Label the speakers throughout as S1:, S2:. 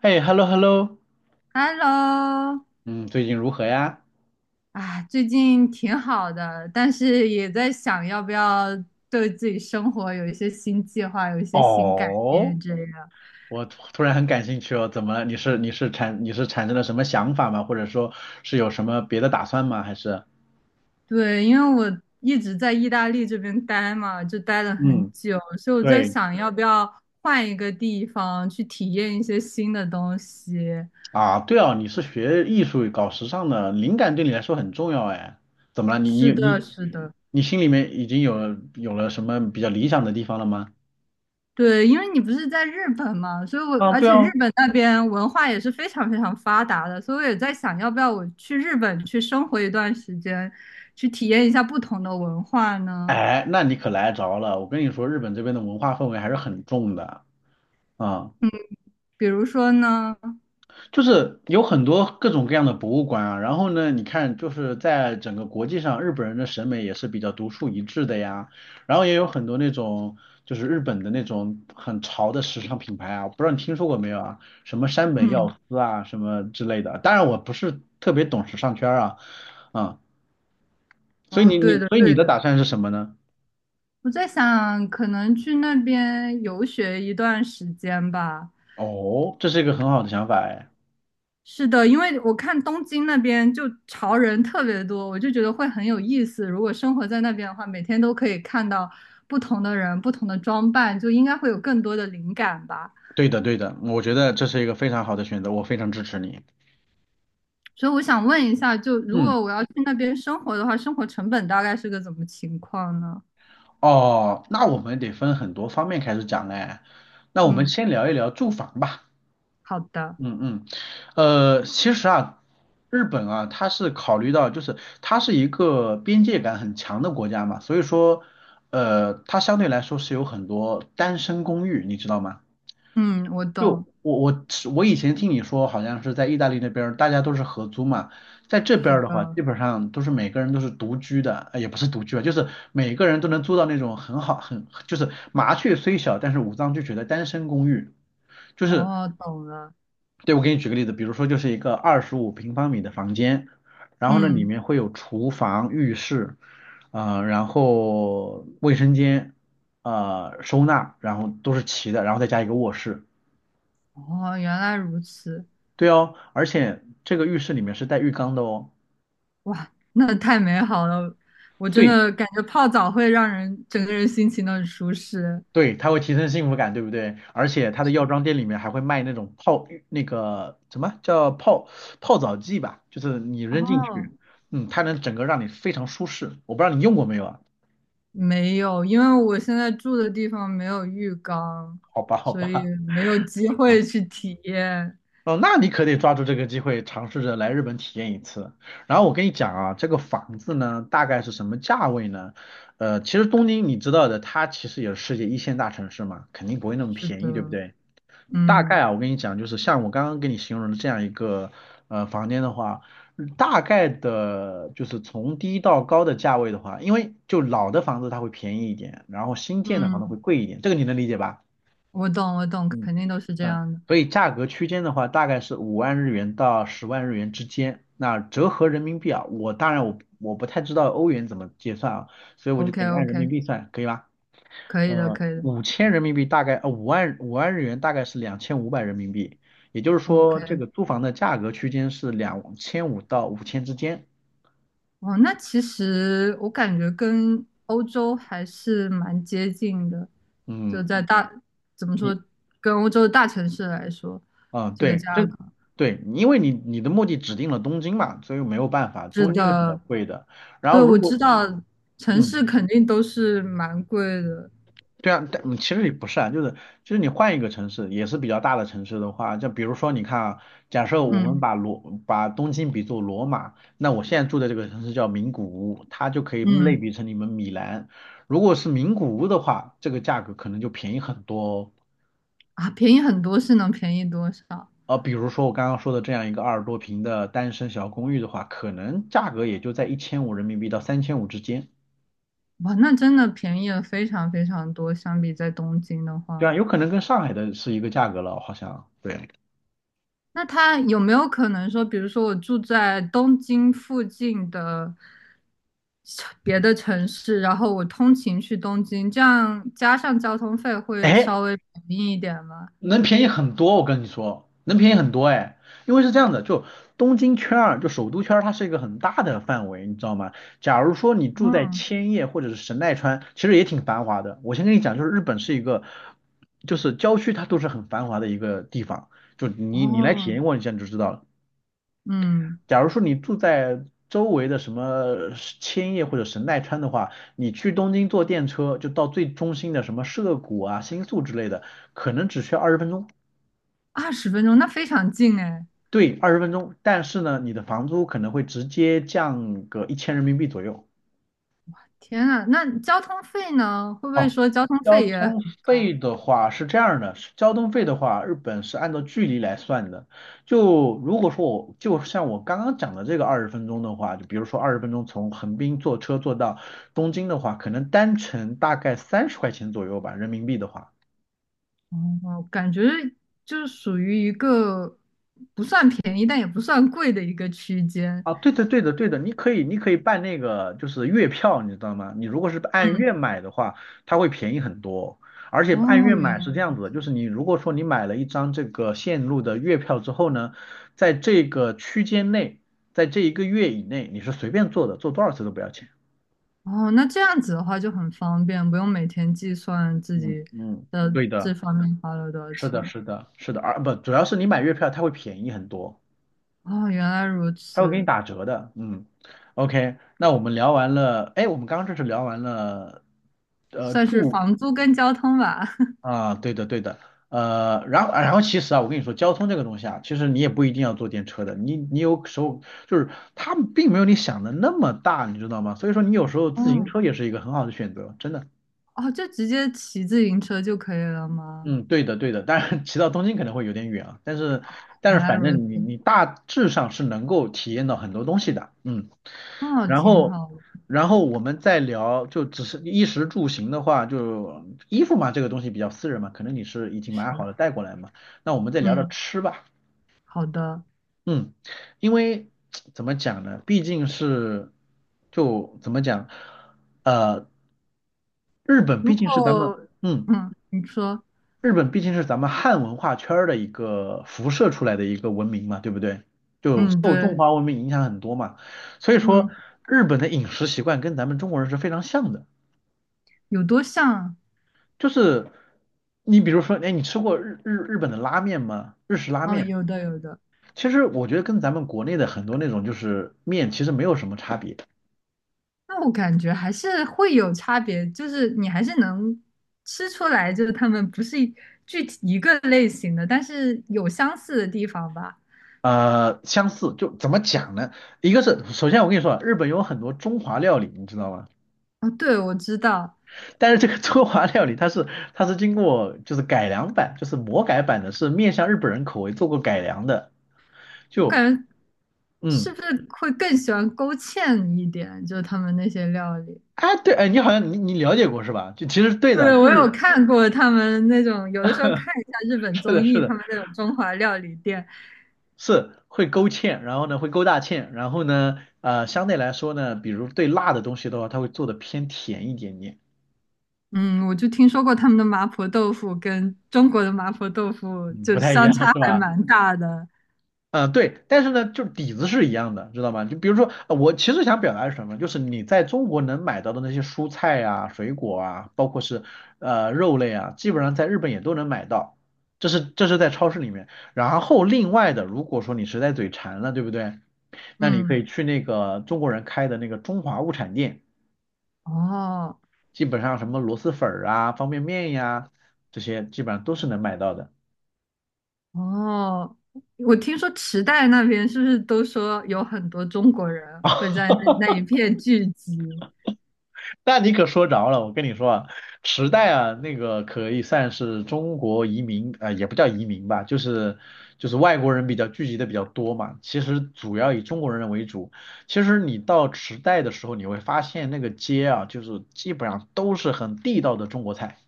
S1: 哎，hello hello，
S2: Hello。
S1: 嗯，最近如何呀？
S2: 啊，最近挺好的，但是也在想要不要对自己生活有一些新计划，有一些新改
S1: 哦，
S2: 变这样。
S1: 我突然很感兴趣哦，怎么了？你是产生了什么想法吗？或者说是有什么别的打算吗？还是？
S2: 对，因为我一直在意大利这边待嘛，就待了很
S1: 嗯，
S2: 久，所以我在
S1: 对，
S2: 想要不要换一个地方去体验一些新的东西。
S1: 啊，对哦，你是学艺术搞时尚的，灵感对你来说很重要哎。怎么了？你
S2: 是
S1: 你
S2: 的，
S1: 你
S2: 是的。
S1: 你心里面已经有了什么比较理想的地方了吗？
S2: 对，因为你不是在日本嘛，所以我
S1: 啊，
S2: 而
S1: 对
S2: 且日
S1: 哦，
S2: 本那边文化也是非常非常发达的，所以我也在想，要不要我去日本去生活一段时间，去体验一下不同的文化呢？
S1: 哎，那你可来着了。我跟你说，日本这边的文化氛围还是很重的啊。
S2: 比如说呢。
S1: 就是有很多各种各样的博物馆啊，然后呢，你看就是在整个国际上，日本人的审美也是比较独树一帜的呀，然后也有很多那种就是日本的那种很潮的时尚品牌啊，我不知道你听说过没有啊？什么山本耀
S2: 嗯。
S1: 司啊，什么之类的。当然我不是特别懂时尚圈儿啊，啊、所以
S2: 哦，
S1: 你
S2: 对
S1: 你
S2: 的
S1: 所以你
S2: 对
S1: 的
S2: 的，
S1: 打算是什么呢？
S2: 我在想，可能去那边游学一段时间吧。
S1: 哦，这是一个很好的想法哎，
S2: 是的，因为我看东京那边就潮人特别多，我就觉得会很有意思。如果生活在那边的话，每天都可以看到不同的人、不同的装扮，就应该会有更多的灵感吧。
S1: 对的对的，我觉得这是一个非常好的选择，我非常支持你。
S2: 所以我想问一下，就如果
S1: 嗯。
S2: 我要去那边生活的话，生活成本大概是个怎么情况呢？
S1: 哦，那我们得分很多方面开始讲嘞。那我们
S2: 嗯，
S1: 先聊一聊住房吧。
S2: 好的。
S1: 嗯嗯，其实啊，日本啊，它是考虑到就是它是一个边界感很强的国家嘛，所以说，它相对来说是有很多单身公寓，你知道吗？
S2: 嗯，我
S1: 就
S2: 懂。
S1: 我以前听你说，好像是在意大利那边儿大家都是合租嘛，在这
S2: 是
S1: 边儿的话，
S2: 的。
S1: 基本上都是每个人都是独居的，也不是独居啊，就是每个人都能租到那种很好就是麻雀虽小，但是五脏俱全的单身公寓。就是
S2: 哦，懂了。
S1: 对，我给你举个例子，比如说就是一个25平方米的房间，然后呢里
S2: 嗯。
S1: 面会有厨房、浴室，然后卫生间，收纳，然后都是齐的，然后再加一个卧室。
S2: 哦，原来如此。
S1: 对哦，而且这个浴室里面是带浴缸的哦。
S2: 哇，那太美好了！我真
S1: 对，
S2: 的感觉泡澡会让人整个人心情都很舒适。
S1: 对，它会提升幸福感，对不对？而且它的药妆店里面还会卖那种泡浴那个什么叫泡澡剂吧，就是你扔进
S2: 哦，
S1: 去，嗯，它能整个让你非常舒适。我不知道你用过没有啊？
S2: 没有，因为我现在住的地方没有浴缸，
S1: 好吧，好
S2: 所以
S1: 吧，
S2: 没有机会去体验。
S1: 哦，那你可得抓住这个机会，尝试着来日本体验一次。然后我跟你讲啊，这个房子呢，大概是什么价位呢？其实东京你知道的，它其实也是世界一线大城市嘛，肯定不会那么
S2: 是
S1: 便宜，对不
S2: 的。
S1: 对？大概
S2: 嗯
S1: 啊，我跟你讲，就是像我刚刚给你形容的这样一个房间的话，大概的就是从低到高的价位的话，因为就老的房子它会便宜一点，然后新建的房
S2: 嗯，
S1: 子会贵一点，这个你能理解吧？
S2: 我懂我懂，
S1: 嗯
S2: 肯定都是这
S1: 嗯，
S2: 样的。
S1: 所以价格区间的话，大概是五万日元到10万日元之间。那折合人民币啊，我当然不太知道欧元怎么结算啊，所以我就
S2: OK
S1: 给你按人民
S2: OK，
S1: 币算，可以吧？
S2: 可以的可以的
S1: 5000人民币大概，五万日元大概是2500人民币，也就是说，这
S2: ，OK。
S1: 个租房的价格区间是两千五到五千之间。
S2: 哦，那其实我感觉跟欧洲还是蛮接近的，就
S1: 嗯，
S2: 在大，怎么
S1: 你，
S2: 说，跟欧洲的大城市来说，
S1: 啊
S2: 这个
S1: 对，
S2: 价
S1: 这，
S2: 格
S1: 对，因为你的目的指定了东京嘛，所以没有办法，
S2: 是
S1: 东京是比较
S2: 的，
S1: 贵的。然
S2: 对，
S1: 后如
S2: 我知
S1: 果，
S2: 道城
S1: 嗯，
S2: 市肯定都是蛮贵的。
S1: 对啊，但其实也不是啊，就是你换一个城市，也是比较大的城市的话，就比如说你看啊，假设我们
S2: 嗯
S1: 把东京比作罗马，那我现在住的这个城市叫名古屋，它就可以类
S2: 嗯。
S1: 比成你们米兰。如果是名古屋的话，这个价格可能就便宜很多哦。
S2: 啊，便宜很多是能便宜多少？
S1: 比如说我刚刚说的这样一个20多平的单身小公寓的话，可能价格也就在1500人民币到3500之间。
S2: 哇，那真的便宜了非常非常多，相比在东京的
S1: 对啊，
S2: 话。
S1: 有可能跟上海的是一个价格了，好像。对。
S2: 那他有没有可能说，比如说我住在东京附近的别的城市，然后我通勤去东京，这样加上交通费会稍
S1: 哎，
S2: 微便宜一点吗？
S1: 能便宜很多，我跟你说，能便宜很多哎，因为是这样的，就东京圈儿，就首都圈儿，它是一个很大的范围，你知道吗？假如说你住在
S2: 嗯。
S1: 千叶或者是神奈川，其实也挺繁华的。我先跟你讲，就是日本是一个，就是郊区它都是很繁华的一个地方，就你来体
S2: 哦。
S1: 验过一下你就知道了。
S2: 嗯，
S1: 假如说你住在周围的什么千叶或者神奈川的话，你去东京坐电车就到最中心的什么涉谷啊、新宿之类的，可能只需要二十分钟。
S2: 20分钟，那非常近哎！
S1: 对，二十分钟，但是呢，你的房租可能会直接降个1000人民币左右。
S2: 天呐，那交通费呢？会不会
S1: 哦，
S2: 说交通
S1: 交
S2: 费也很
S1: 通
S2: 高？
S1: 费的话是这样的，是交通费的话，日本是按照距离来算的。就如果说我就像我刚刚讲的这个二十分钟的话，就比如说二十分钟从横滨坐车坐到东京的话，可能单程大概30块钱左右吧，人民币的话。
S2: 哦，感觉就是属于一个不算便宜，但也不算贵的一个区间。
S1: 啊，对的，对的，对的，你可以办那个就是月票，你知道吗？你如果是按
S2: 嗯。
S1: 月买的话，它会便宜很多。而且按
S2: 哦，
S1: 月
S2: 原
S1: 买是这样子的，
S2: 来。
S1: 就是你如果说你买了一张这个线路的月票之后呢，在这个区间内，在这一个月以内，你是随便坐的，坐多少次都不要钱。
S2: 哦，那这样子的话就很方便，不用每天计算自
S1: 嗯
S2: 己
S1: 嗯，
S2: 的
S1: 对
S2: 这
S1: 的，
S2: 方面花了多少
S1: 是的，
S2: 钱。
S1: 是的，是的，而不主要是你买月票它会便宜很多。
S2: 哦，原来如
S1: 他会给你
S2: 此，
S1: 打折的，嗯，OK，那我们聊完了，哎，我们刚刚这是聊完了，
S2: 算是
S1: 住
S2: 房租跟交通吧。
S1: 啊，对的对的，然后其实啊，我跟你说，交通这个东西啊，其实你也不一定要坐电车的，你有时候就是它并没有你想的那么大，你知道吗？所以说你有时候自行
S2: 哦。
S1: 车也是一个很好的选择，真的。
S2: 哦，就直接骑自行车就可以了吗？
S1: 嗯，对的，对的，当然骑到东京可能会有点远啊，但是
S2: 原来
S1: 反
S2: 如
S1: 正你
S2: 此。
S1: 你大致上是能够体验到很多东西的，嗯，
S2: 哦，
S1: 然
S2: 挺
S1: 后
S2: 好的。
S1: 然后我们再聊，就只是衣食住行的话，就衣服嘛，这个东西比较私人嘛，可能你是已经买
S2: 是。
S1: 好了带过来嘛，那我们再聊聊
S2: 嗯，
S1: 吃吧，
S2: 好的。
S1: 嗯，因为怎么讲呢，毕竟是就怎么讲，呃，日本毕
S2: 如
S1: 竟是咱们。
S2: 果。
S1: 嗯，
S2: 嗯，你说。
S1: 日本毕竟是咱们汉文化圈儿的一个辐射出来的一个文明嘛，对不对？就
S2: 嗯，
S1: 受中
S2: 对。
S1: 华文明影响很多嘛，所以说
S2: 嗯，
S1: 日本的饮食习惯跟咱们中国人是非常像的。
S2: 有多像啊？
S1: 就是你比如说，哎，你吃过日本的拉面吗？日式拉
S2: 哦，
S1: 面，
S2: 有的，有的。
S1: 其实我觉得跟咱们国内的很多那种就是面其实没有什么差别，
S2: 那我感觉还是会有差别，就是你还是能吃出来，就是他们不是具体一个类型的，但是有相似的地方吧。
S1: 相似。就怎么讲呢？一个是首先我跟你说啊日本有很多中华料理，你知道吗？
S2: 哦，对，我知道。
S1: 但是这个中华料理它是 它是经过就是改良版，就是魔改版的，是面向日本人口味做过改良的。
S2: 我
S1: 就
S2: 感觉是
S1: 嗯，
S2: 不是会更喜欢勾芡一点，就是他们那些料理。
S1: 哎对，哎你好像你了解过是吧？就其实对的，
S2: 对，我
S1: 就
S2: 有
S1: 是
S2: 看过他们那种，有的时候看一下日 本
S1: 是
S2: 综
S1: 的
S2: 艺，
S1: 是的
S2: 他们那种中华料理店。
S1: 是会勾芡，然后呢会勾大芡，然后呢相对来说呢，比如对辣的东西的话，它会做的偏甜一点点，
S2: 嗯，我就听说过他们的麻婆豆腐跟中国的麻婆豆腐
S1: 嗯，
S2: 就
S1: 不太一
S2: 相
S1: 样
S2: 差
S1: 是
S2: 还
S1: 吧？
S2: 蛮大的。
S1: 嗯，对，但是呢，就是底子是一样的，知道吗？就比如说，我其实想表达是什么，就是你在中国能买到的那些蔬菜啊、水果啊，包括是肉类啊，基本上在日本也都能买到，这是在超市里面。然后另外的，如果说你实在嘴馋了，对不对？那你可
S2: 嗯。
S1: 以去那个中国人开的那个中华物产店，
S2: 哦。
S1: 基本上什么螺蛳粉儿啊、方便面呀、这些基本上都是能买到的。
S2: 哦，我听说池袋那边是不是都说有很多中国人会在那一片聚集，
S1: 那你可说着了，我跟你说啊，池袋啊，那个可以算是中国移民，啊、也不叫移民吧，就是外国人比较聚集的比较多嘛。其实主要以中国人为主。其实你到池袋的时候，你会发现那个街啊，就是基本上都是很地道的中国菜，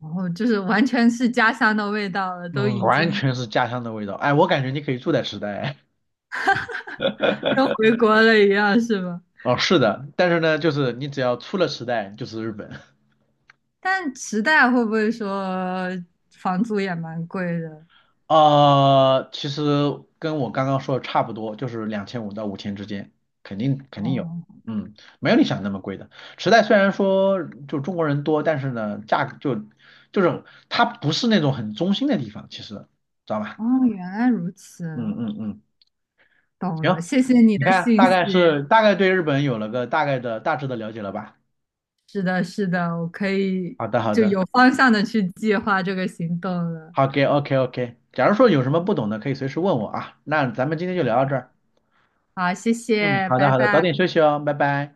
S2: 然后就是完全是家乡的味道了，都
S1: 嗯，
S2: 已
S1: 完
S2: 经
S1: 全是家乡的味道。哎，我感觉你可以住在池袋。
S2: 跟回国了一样，是吧？
S1: 哦，是的，但是呢，就是你只要出了池袋，就是日本。
S2: 但池袋会不会说房租也蛮贵的？
S1: 其实跟我刚刚说的差不多，就是两千五到五千之间，肯定有，
S2: 哦
S1: 嗯，没有你想的那么贵的。池袋虽然说就中国人多，但是呢，价格就是它不是那种很中心的地方，其实知道吧？
S2: 哦，原来如
S1: 嗯
S2: 此，
S1: 嗯嗯，
S2: 懂
S1: 行，
S2: 了，谢谢你
S1: 你
S2: 的
S1: 看
S2: 信息。
S1: 大概对日本有了个大概的大致的了解了吧？
S2: 是的，是的，我可以
S1: 好的好
S2: 就
S1: 的，
S2: 有方向的去计划这个行动了。
S1: OK OK，假如说有什么不懂的，可以随时问我啊。那咱们今天就聊到这儿，
S2: 好，谢
S1: 嗯，
S2: 谢，
S1: 好的
S2: 拜
S1: 好的，早点
S2: 拜。
S1: 休息哦，拜拜。